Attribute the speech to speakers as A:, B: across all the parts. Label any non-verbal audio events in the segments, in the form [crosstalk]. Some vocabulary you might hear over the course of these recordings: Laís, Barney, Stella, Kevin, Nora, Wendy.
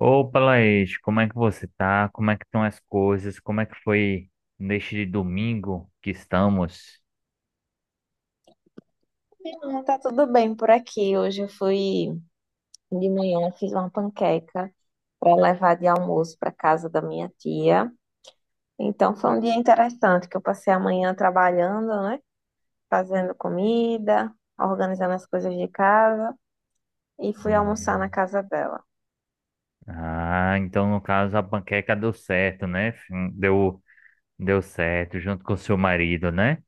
A: Opa, Laís, como é que você tá? Como é que estão as coisas? Como é que foi neste domingo que estamos?
B: Não, tá tudo bem por aqui. Hoje eu fui de manhã, fiz uma panqueca para levar de almoço para casa da minha tia. Então foi um dia interessante que eu passei a manhã trabalhando, né? Fazendo comida, organizando as coisas de casa e fui almoçar na
A: Hum.
B: casa dela.
A: Ah, então no caso a panqueca deu certo, né? Fim, deu certo junto com o seu marido, né?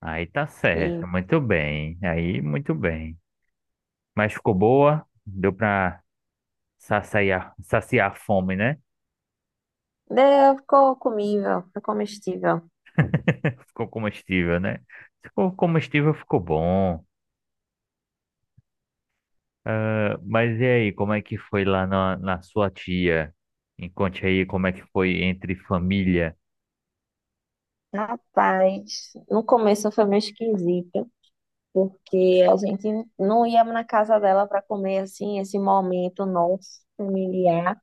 A: Aí tá
B: E
A: certo, muito bem. Aí muito bem. Mas ficou boa? Deu pra saciar a fome, né?
B: deu, ficou comível, ficou comestível.
A: [laughs] Ficou comestível, né? Ficou comestível, ficou bom. Ah, mas e aí, como é que foi lá na sua tia? Me conte aí como é que foi entre família.
B: Rapaz, no começo foi meio esquisito, porque a gente não ia na casa dela para comer assim, esse momento nosso familiar.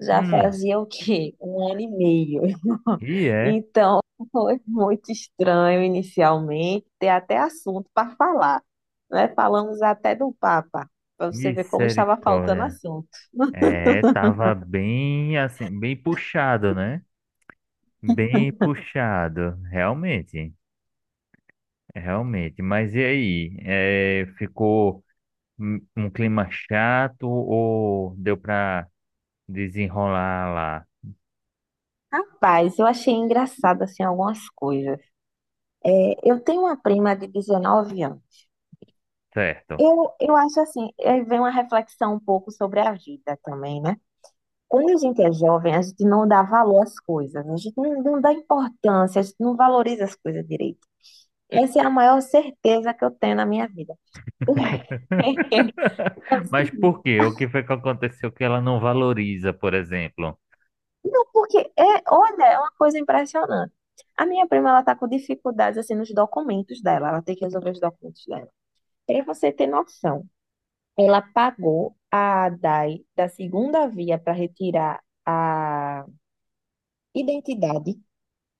B: Já
A: Hum,
B: fazia o quê? [laughs] Um ano e meio. [laughs]
A: e é,
B: Então, foi muito estranho inicialmente, ter até assunto para falar, né? Falamos até do Papa, para você ver como estava faltando
A: misericórdia.
B: assunto.
A: É, tava bem assim, bem puxado, né? Bem puxado, realmente. Mas e aí, é, ficou um clima chato ou deu pra desenrolar lá?
B: Rapaz, eu achei engraçado assim algumas coisas. É, eu tenho uma prima de 19 anos.
A: Certo.
B: Eu acho assim, aí vem uma reflexão um pouco sobre a vida também, né? Quando a gente é jovem, a gente não dá valor às coisas, a gente não dá importância, a gente não valoriza as coisas direito. Essa é a maior certeza que eu tenho na minha vida. [laughs] É o
A: [laughs] Mas por
B: seguinte.
A: quê? O que foi que aconteceu que ela não valoriza, por exemplo?
B: Não, porque é, olha, é uma coisa impressionante. A minha prima, ela tá com dificuldades assim nos documentos dela, ela tem que resolver os documentos dela. Para você ter noção, ela pagou a ADAI da segunda via para retirar a identidade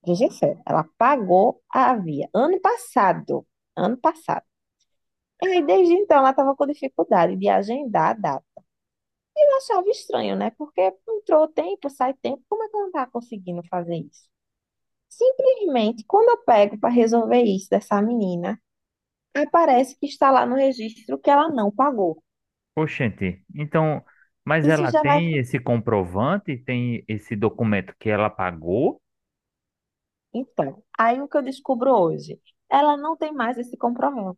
B: rejeição. Ela pagou a via ano passado. Ano passado. Aí, desde então, ela estava com dificuldade de agendar a data. Eu achava estranho, né? Porque entrou tempo, sai tempo. Como é que ela não tá conseguindo fazer isso? Simplesmente, quando eu pego para resolver isso dessa menina, aparece que está lá no registro que ela não pagou.
A: Oxente, então, mas
B: Isso
A: ela
B: já vai.
A: tem esse comprovante, tem esse documento que ela pagou?
B: Então, aí o que eu descubro hoje? Ela não tem mais esse compromisso.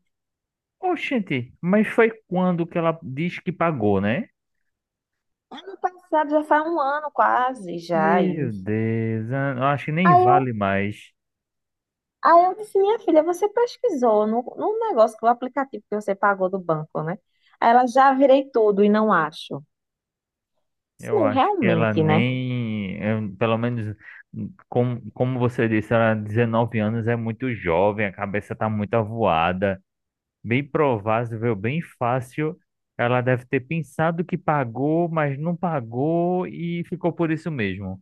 A: Oxente, mas foi quando que ela diz que pagou, né?
B: Ano passado, já faz um ano quase, já
A: Meu
B: isso.
A: Deus, eu acho que nem
B: Aí eu
A: vale mais.
B: Aí eu disse, minha filha, você pesquisou no negócio, que o aplicativo que você pagou do banco, né? Aí ela já virei tudo e não acho. Disse,
A: Eu
B: não,
A: acho que ela
B: realmente, né?
A: nem, pelo menos, como você disse, ela 19 anos é muito jovem, a cabeça tá muito avoada. Bem provável, bem fácil. Ela deve ter pensado que pagou, mas não pagou e ficou por isso mesmo.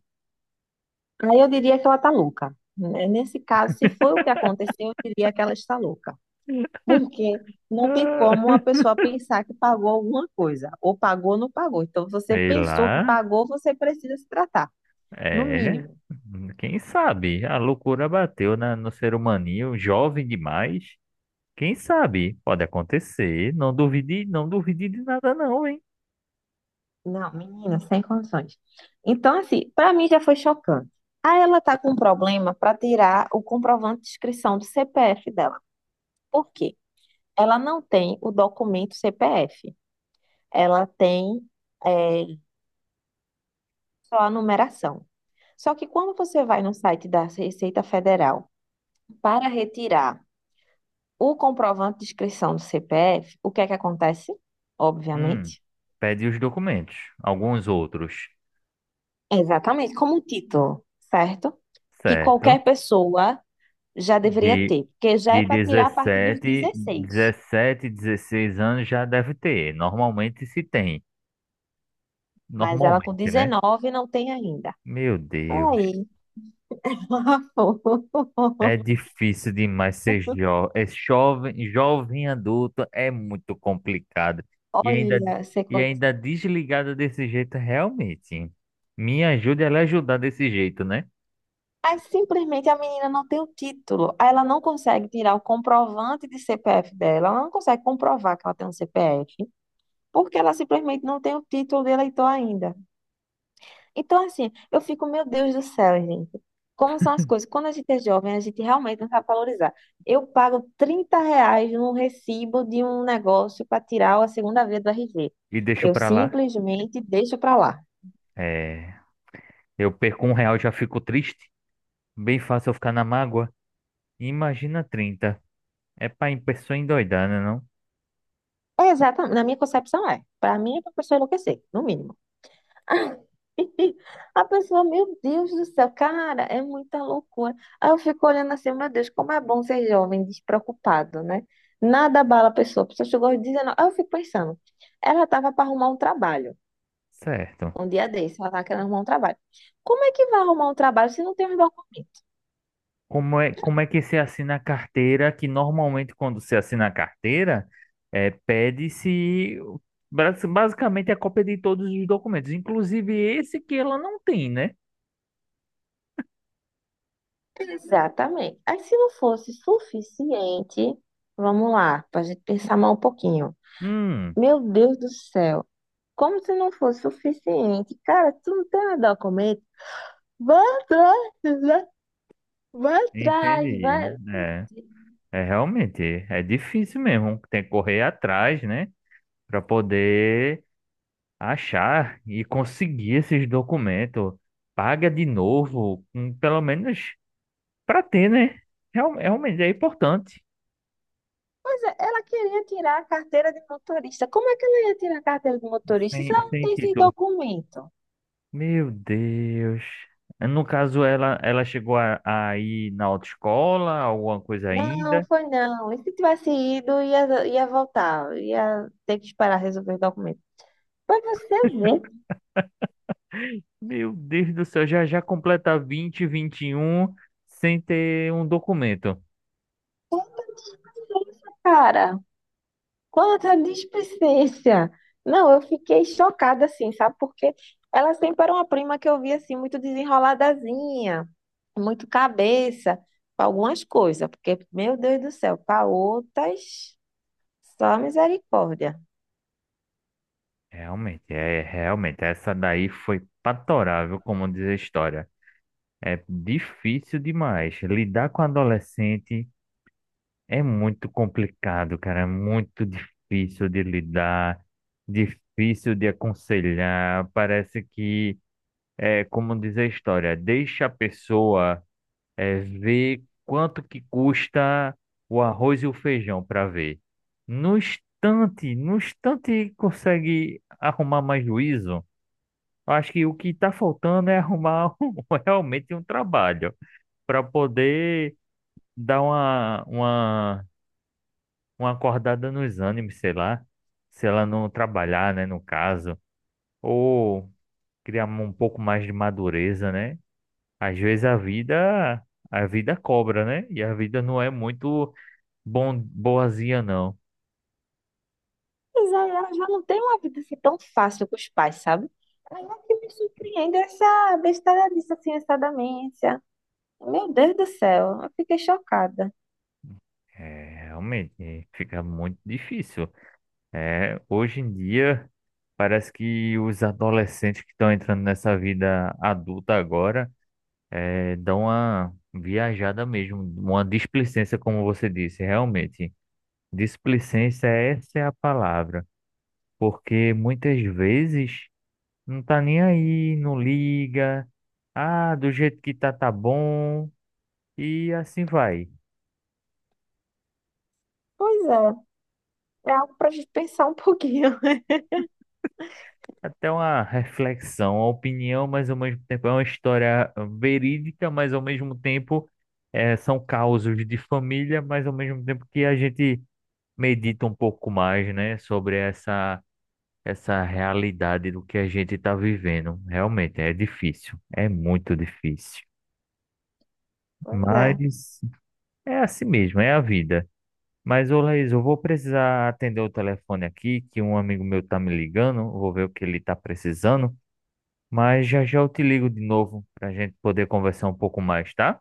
B: Aí eu diria que ela tá louca, né? Nesse caso, se foi o que aconteceu, eu diria que ela está louca. Porque não tem como uma
A: [laughs]
B: pessoa pensar que pagou alguma coisa, ou pagou ou não pagou. Então, você
A: Sei
B: pensou que
A: lá.
B: pagou, você precisa se tratar, no
A: É.
B: mínimo.
A: Quem sabe? A loucura bateu na, no ser humaninho, jovem demais. Quem sabe? Pode acontecer. Não duvide, não duvide de nada, não, hein?
B: Não, menina, sem condições. Então, assim, pra mim já foi chocante. Aí ela tá com um problema pra tirar o comprovante de inscrição do CPF dela. Por quê? Ela não tem o documento CPF. Ela tem é, só a numeração. Só que quando você vai no site da Receita Federal para retirar o comprovante de inscrição do CPF, o que é que acontece?
A: Hum.
B: Obviamente.
A: Pede os documentos, alguns outros.
B: Exatamente, como o título, certo? Que
A: Certo?
B: qualquer pessoa já deveria
A: De
B: ter, porque já é para tirar a partir dos
A: 17,
B: dezesseis,
A: 16 anos já deve ter. Normalmente se tem.
B: mas ela com
A: Normalmente, né?
B: 19 não tem ainda.
A: Meu Deus.
B: Aí, [laughs]
A: É difícil demais ser jo é jovem. Jovem adulto é muito complicado. E ainda,
B: olha, você
A: e
B: conta.
A: ainda desligado desse jeito, realmente. Me ajude a lhe ajudar desse jeito, né?
B: Aí simplesmente a menina não tem o título, aí ela não consegue tirar o comprovante de CPF dela, ela não consegue comprovar que ela tem um CPF, porque ela simplesmente não tem o título de eleitor ainda. Então, assim, eu fico, meu Deus do céu, gente. Como são as coisas? Quando a gente é jovem, a gente realmente não sabe valorizar. Eu pago R$ 30 num recibo de um negócio para tirar a segunda via do RG.
A: E deixo
B: Eu
A: pra lá.
B: simplesmente deixo para lá.
A: É, eu perco um real, já fico triste. Bem fácil eu ficar na mágoa. Imagina 30, é pra pessoa endoidar, né?
B: É exatamente, na minha concepção é. Para mim é para pessoa enlouquecer, no mínimo. [laughs] A pessoa, meu Deus do céu, cara, é muita loucura. Aí eu fico olhando assim, meu Deus, como é bom ser jovem, despreocupado, né? Nada abala a pessoa. A pessoa chegou aos 19. Aí eu fico pensando, ela tava para arrumar um trabalho,
A: Certo.
B: um dia desse, ela tava querendo arrumar um trabalho. Como é que vai arrumar um trabalho se não tem um documento?
A: Como é que se assina a carteira? Que normalmente quando se assina a carteira, é, pede-se basicamente a cópia de todos os documentos, inclusive esse que ela não tem, né?
B: Exatamente. Aí se não fosse suficiente, vamos lá, para a gente pensar mais um pouquinho.
A: Hum,
B: Meu Deus do céu. Como se não fosse suficiente. Cara, tu não tem nada a comer? Vai atrás, né? Vai atrás,
A: entendi.
B: vai.
A: É, é realmente, é difícil mesmo. Tem que correr atrás, né? Para poder achar e conseguir esses documentos. Paga de novo, pelo menos para ter, né? Realmente é importante.
B: Pois é, ela queria tirar a carteira de motorista. Como é que ela ia tirar a carteira de motorista se
A: Sem,
B: ela não
A: sem
B: tem esse
A: título.
B: documento?
A: Meu Deus. No caso, ela chegou a ir na autoescola, alguma coisa
B: Não,
A: ainda.
B: foi não. E se tivesse ido, ia voltar. Ia ter que esperar resolver o documento. Pra você ver,
A: Meu Deus do céu, já já completa 20, 21 sem ter um documento.
B: que é isso, cara. Quanta displicência! Não, eu fiquei chocada assim, sabe? Porque ela sempre era uma prima que eu via assim, muito desenroladazinha, muito cabeça, pra algumas coisas, porque, meu Deus do céu, para outras, só misericórdia.
A: Realmente, é, realmente, essa daí foi patorável, como diz a história. É difícil demais lidar com adolescente. É muito complicado, cara. É muito difícil de lidar, difícil de aconselhar. Parece que, é como diz a história, deixa a pessoa é, ver quanto que custa o arroz e o feijão para ver. No instante, no instante consegue arrumar mais juízo. Eu acho que o que está faltando é arrumar [laughs] um- realmente um trabalho para poder dar uma acordada nos ânimos, sei lá, se ela não trabalhar, né, no caso, ou criar um pouco mais de madureza, né? Às vezes a vida cobra, né? E a vida não é muito bom, boazinha, não.
B: Mas aí ela já não tem uma vida assim tão fácil com os pais, sabe? Aí é que me surpreende essa besteira disso, assim, essa demência. Meu Deus do céu, eu fiquei chocada.
A: É, realmente, fica muito difícil. É, hoje em dia, parece que os adolescentes que estão entrando nessa vida adulta agora, é, dão uma viajada mesmo, uma displicência, como você disse, realmente. Displicência, essa é a palavra, porque muitas vezes não tá nem aí, não liga, ah, do jeito que tá, tá bom, e assim vai.
B: Pois é, é algo pra gente pensar um pouquinho. [laughs]
A: Até uma reflexão, uma opinião, mas ao mesmo tempo é uma história verídica, mas ao mesmo tempo eh, são causos de família, mas ao mesmo tempo que a gente medita um pouco mais, né, sobre essa. Essa realidade do que a gente está vivendo. Realmente é difícil, é muito difícil.
B: Pois é.
A: Mas é assim mesmo, é a vida. Mas, ô Laís, eu vou precisar atender o telefone aqui, que um amigo meu tá me ligando, vou ver o que ele tá precisando. Mas já já eu te ligo de novo para a gente poder conversar um pouco mais, tá?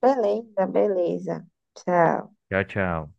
B: Beleza, beleza. Tchau.
A: Tchau, tchau.